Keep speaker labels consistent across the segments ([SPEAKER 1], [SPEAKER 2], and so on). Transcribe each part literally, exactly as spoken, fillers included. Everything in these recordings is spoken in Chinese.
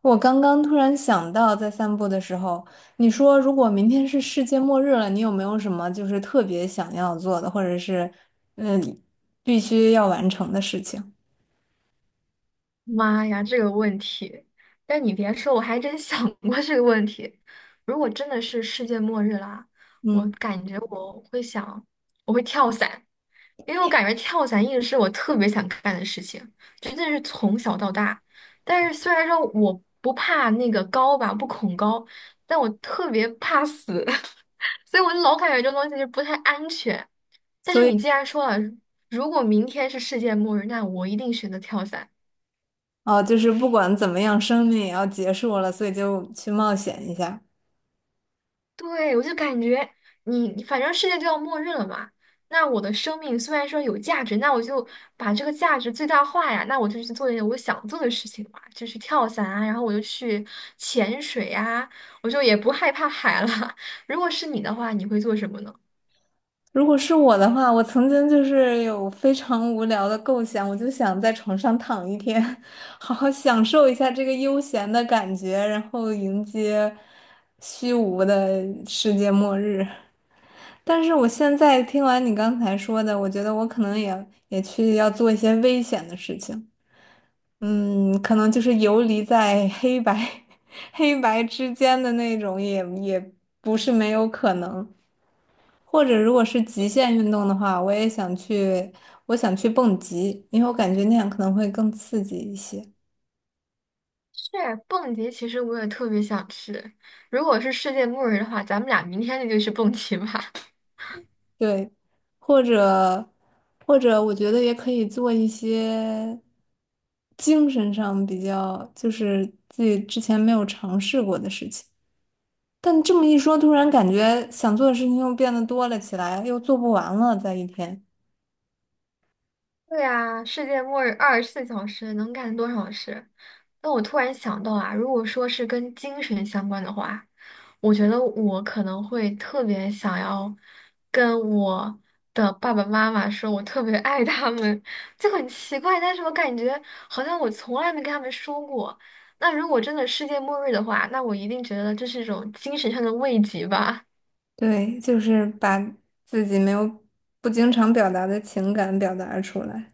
[SPEAKER 1] 我刚刚突然想到，在散步的时候，你说如果明天是世界末日了，你有没有什么就是特别想要做的，或者是嗯、呃必须要完成的事情？
[SPEAKER 2] 妈呀，这个问题！但你别说，我还真想过 这个问题。如果真的是世界末日啦，我
[SPEAKER 1] 嗯，
[SPEAKER 2] 感觉我会想，我会跳伞，因为我感觉跳伞一直是我特别想干的事情，真的是从小到大。但是虽然说我不怕那个高吧，不恐高，但我特别怕死，所以我就老感觉这东西就不太安全。但是
[SPEAKER 1] 所
[SPEAKER 2] 你
[SPEAKER 1] 以
[SPEAKER 2] 既然说了，如果明天是世界末日，那我一定选择跳伞。
[SPEAKER 1] 哦，就是不管怎么样，生命也要结束了，所以就去冒险一下。
[SPEAKER 2] 对，我就感觉你你反正世界就要末日了嘛，那我的生命虽然说有价值，那我就把这个价值最大化呀，那我就去做一点我想做的事情嘛，就去跳伞啊，然后我就去潜水啊，我就也不害怕海了。如果是你的话，你会做什么呢？
[SPEAKER 1] 如果是我的话，我曾经就是有非常无聊的构想，我就想在床上躺一天，好好享受一下这个悠闲的感觉，然后迎接虚无的世界末日。但是我现在听完你刚才说的，我觉得我可能也也去要做一些危险的事情，嗯，可能就是游离在黑白 黑白之间的那种也，也不是没有可能。或者如果是极限运动的话，我也想去，我想去蹦极，因为我感觉那样可能会更刺激一些。
[SPEAKER 2] 是蹦极，其实我也特别想去。如果是世界末日的话，咱们俩明天就去蹦极吧。
[SPEAKER 1] 对，或者或者我觉得也可以做一些精神上比较，就是自己之前没有尝试过的事情。但这么一说，突然感觉想做的事情又变得多了起来，又做不完了，在一天。
[SPEAKER 2] 对啊，世界末日二十四小时能干多少事？那我突然想到啊，如果说是跟精神相关的话，我觉得我可能会特别想要跟我的爸爸妈妈说，我特别爱他们，就很奇怪，但是我感觉好像我从来没跟他们说过。那如果真的世界末日的话，那我一定觉得这是一种精神上的慰藉吧。
[SPEAKER 1] 对，就是把自己没有不经常表达的情感表达出来。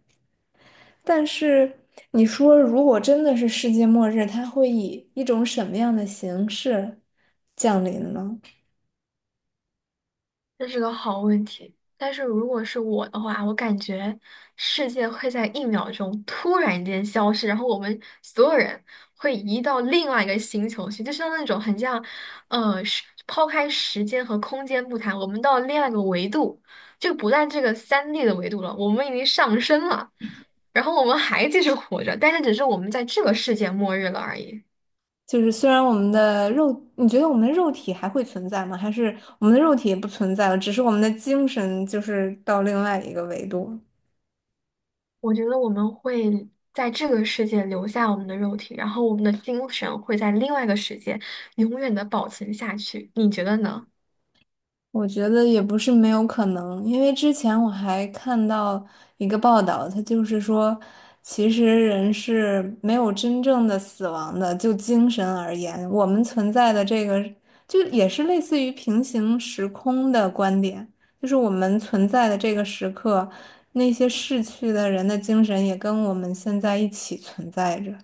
[SPEAKER 1] 但是你说，如果真的是世界末日，它会以一种什么样的形式降临呢？
[SPEAKER 2] 这是个好问题，但是如果是我的话，我感觉世界会在一秒钟突然间消失，然后我们所有人会移到另外一个星球去，就像那种很像，呃，时抛开时间和空间不谈，我们到另外一个维度，就不在这个三 d 的维度了，我们已经上升了，然后我们还继续活着，但是只是我们在这个世界末日了而已。
[SPEAKER 1] 就是虽然我们的肉，你觉得我们的肉体还会存在吗？还是我们的肉体也不存在了，只是我们的精神就是到另外一个维度？
[SPEAKER 2] 我觉得我们会在这个世界留下我们的肉体，然后我们的精神会在另外一个世界永远的保存下去。你觉得呢？
[SPEAKER 1] 我觉得也不是没有可能，因为之前我还看到一个报道，它就是说，其实人是没有真正的死亡的，就精神而言，我们存在的这个就也是类似于平行时空的观点，就是我们存在的这个时刻，那些逝去的人的精神也跟我们现在一起存在着。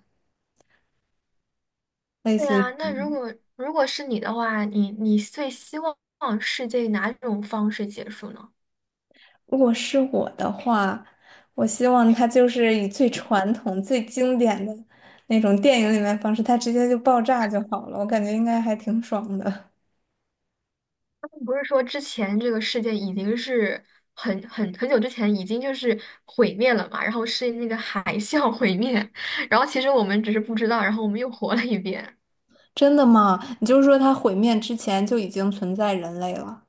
[SPEAKER 1] 类
[SPEAKER 2] 对
[SPEAKER 1] 似。
[SPEAKER 2] 啊，那如果如果是你的话，你你最希望世界以哪种方式结束呢？
[SPEAKER 1] 如果是我的话，我希望它就是以最传统、最经典的那种电影里面方式，它直接就爆炸就好了。我感觉应该还挺爽的。
[SPEAKER 2] 他们不是说之前这个世界已经是很很很久之前已经就是毁灭了嘛，然后是那个海啸毁灭，然后其实我们只是不知道，然后我们又活了一遍。
[SPEAKER 1] 真的吗？你就是说它毁灭之前就已经存在人类了？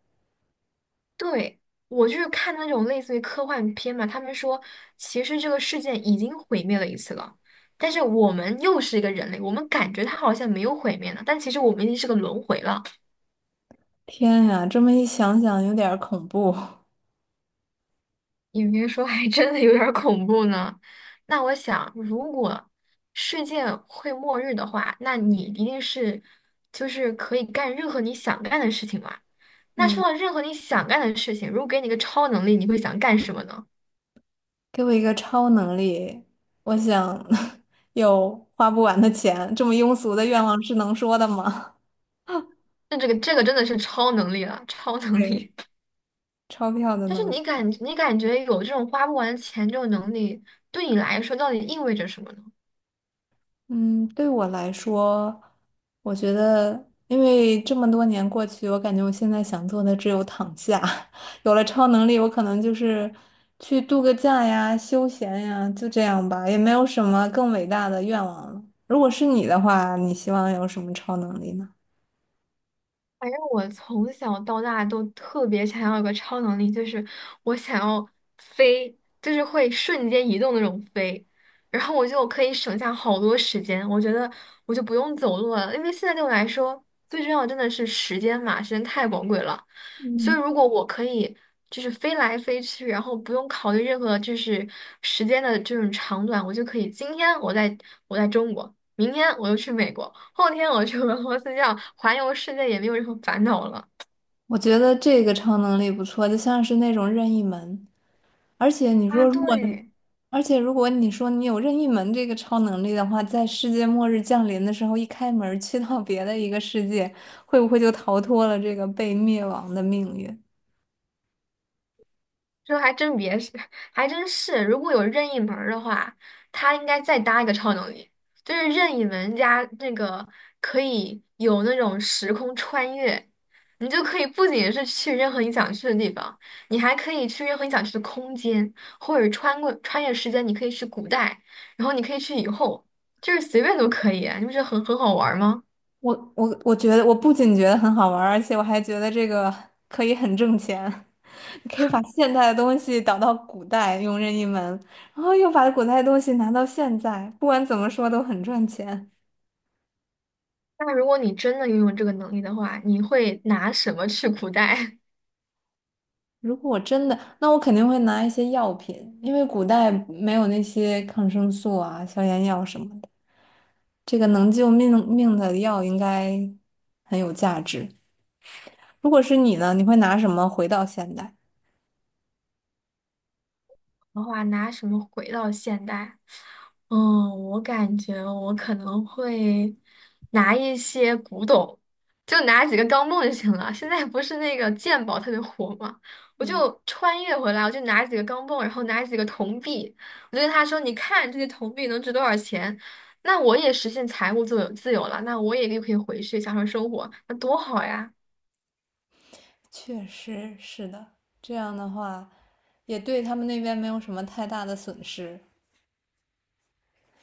[SPEAKER 2] 对，我就是看那种类似于科幻片嘛，他们说其实这个世界已经毁灭了一次了，但是我们又是一个人类，我们感觉它好像没有毁灭呢，但其实我们已经是个轮回了。
[SPEAKER 1] 天呀，这么一想想，有点儿恐怖。
[SPEAKER 2] 你别说，还真的有点儿恐怖呢。那我想，如果世界会末日的话，那你一定是就是可以干任何你想干的事情嘛。那说
[SPEAKER 1] 嗯，
[SPEAKER 2] 到任何你想干的事情，如果给你个超能力，你会想干什么呢？
[SPEAKER 1] 给我一个超能力，我想 有花不完的钱。这么庸俗的愿望是能说的吗？
[SPEAKER 2] 那这个这个真的是超能力了，超 能
[SPEAKER 1] 对，
[SPEAKER 2] 力。
[SPEAKER 1] 钞票的
[SPEAKER 2] 但是
[SPEAKER 1] 能
[SPEAKER 2] 你
[SPEAKER 1] 力。
[SPEAKER 2] 感你感觉有这种花不完的钱这种能力，对你来说到底意味着什么呢？
[SPEAKER 1] 嗯，对我来说，我觉得，因为这么多年过去，我感觉我现在想做的只有躺下。有了超能力，我可能就是去度个假呀、休闲呀，就这样吧，也没有什么更伟大的愿望了。如果是你的话，你希望有什么超能力呢？
[SPEAKER 2] 反正我从小到大都特别想要一个超能力，就是我想要飞，就是会瞬间移动那种飞，然后我就可以省下好多时间。我觉得我就不用走路了，因为现在对我来说最重要的真的是时间嘛，时间太宝贵了。所以
[SPEAKER 1] 嗯，
[SPEAKER 2] 如果我可以就是飞来飞去，然后不用考虑任何就是时间的这种长短，我就可以今天我在我在中国。明天我就去美国，后天我去俄罗斯，这样环游世界也没有任何烦恼了。
[SPEAKER 1] 我觉得这个超能力不错，就像是那种任意门。而且你
[SPEAKER 2] 啊，
[SPEAKER 1] 说，如果你，
[SPEAKER 2] 对，
[SPEAKER 1] 而且如果你说你有任意门这个超能力的话，在世界末日降临的时候，一开门儿去到别的一个世界，会不会就逃脱了这个被灭亡的命运？
[SPEAKER 2] 这还真别是，还真是。如果有任意门儿的话，他应该再搭一个超能力，就是任意门加那个可以有那种时空穿越，你就可以不仅是去任何你想去的地方，你还可以去任何你想去的空间，或者穿过穿越时间，你可以去古代，然后你可以去以后，就是随便都可以啊你不觉得很很好玩儿吗？
[SPEAKER 1] 我我我觉得，我不仅觉得很好玩儿而且我还觉得这个可以很挣钱。你可以把现代的东西导到古代，用任意门，然后又把古代的东西拿到现在，不管怎么说都很赚钱。
[SPEAKER 2] 那如果你真的拥有这个能力的话，你会拿什么去古代？
[SPEAKER 1] 如果我真的，那我肯定会拿一些药品，因为古代没有那些抗生素啊、消炎药什么的。这个能救命命的药应该很有价值。如果是你呢，你会拿什么回到现代？
[SPEAKER 2] 的话，拿什么回到现代？嗯，我感觉我可能会拿一些古董，就拿几个钢镚就行了。现在不是那个鉴宝特别火嘛，我
[SPEAKER 1] 嗯，
[SPEAKER 2] 就穿越回来，我就拿几个钢镚，然后拿几个铜币，我就跟他说：“你看这些铜币能值多少钱？”那我也实现财务自由自由了，那我也就可以回去享受生活，那多好呀！
[SPEAKER 1] 确实是的。这样的话，也对他们那边没有什么太大的损失。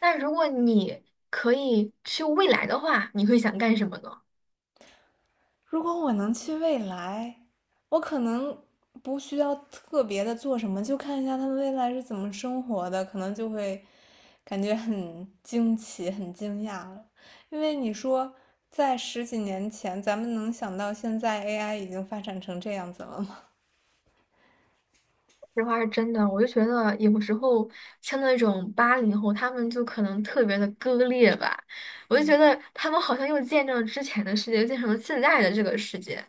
[SPEAKER 2] 那如果你可以去未来的话，你会想干什么呢？
[SPEAKER 1] 如果我能去未来，我可能不需要特别的做什么，就看一下他们未来是怎么生活的，可能就会感觉很惊奇、很惊讶了。因为你说在十几年前，咱们能想到现在 A I 已经发展成这样子了吗？
[SPEAKER 2] 这话是真的，我就觉得有时候像那种八零后，他们就可能特别的割裂吧。我就觉得他们好像又见证了之前的世界，又见证了现在的这个世界。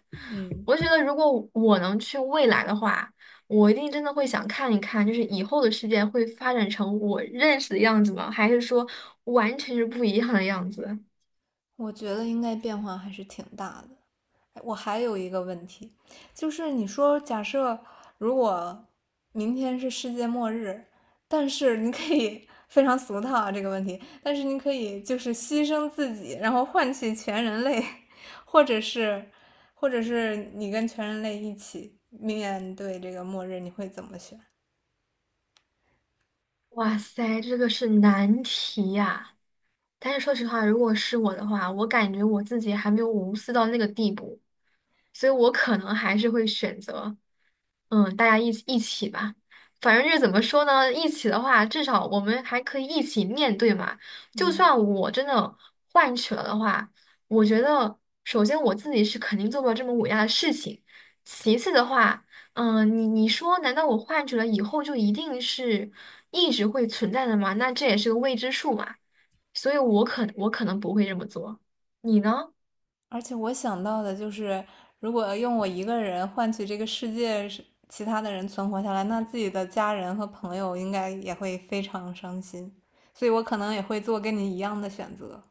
[SPEAKER 2] 我就觉得如果我能去未来的话，我一定真的会想看一看，就是以后的世界会发展成我认识的样子吗？还是说完全是不一样的样子？
[SPEAKER 1] 我觉得应该变化还是挺大的。哎我还有一个问题，就是你说假设如果明天是世界末日，但是你可以非常俗套啊这个问题，但是你可以就是牺牲自己，然后换取全人类，或者是或者是你跟全人类一起面对这个末日，你会怎么选？
[SPEAKER 2] 哇塞，这个是难题呀！但是说实话，如果是我的话，我感觉我自己还没有无私到那个地步，所以我可能还是会选择，嗯，大家一起一起吧。反正就是怎么说呢，一起的话，至少我们还可以一起面对嘛。就
[SPEAKER 1] 嗯。
[SPEAKER 2] 算我真的换取了的话，我觉得首先我自己是肯定做不了这么伟大的事情，其次的话，嗯，你你说，难道我换取了以后就一定是一直会存在的吗？那这也是个未知数嘛。所以我可我可能不会这么做，你呢？
[SPEAKER 1] 而且我想到的就是，如果用我一个人换取这个世界是其他的人存活下来，那自己的家人和朋友应该也会非常伤心，所以我可能也会做跟你一样的选择。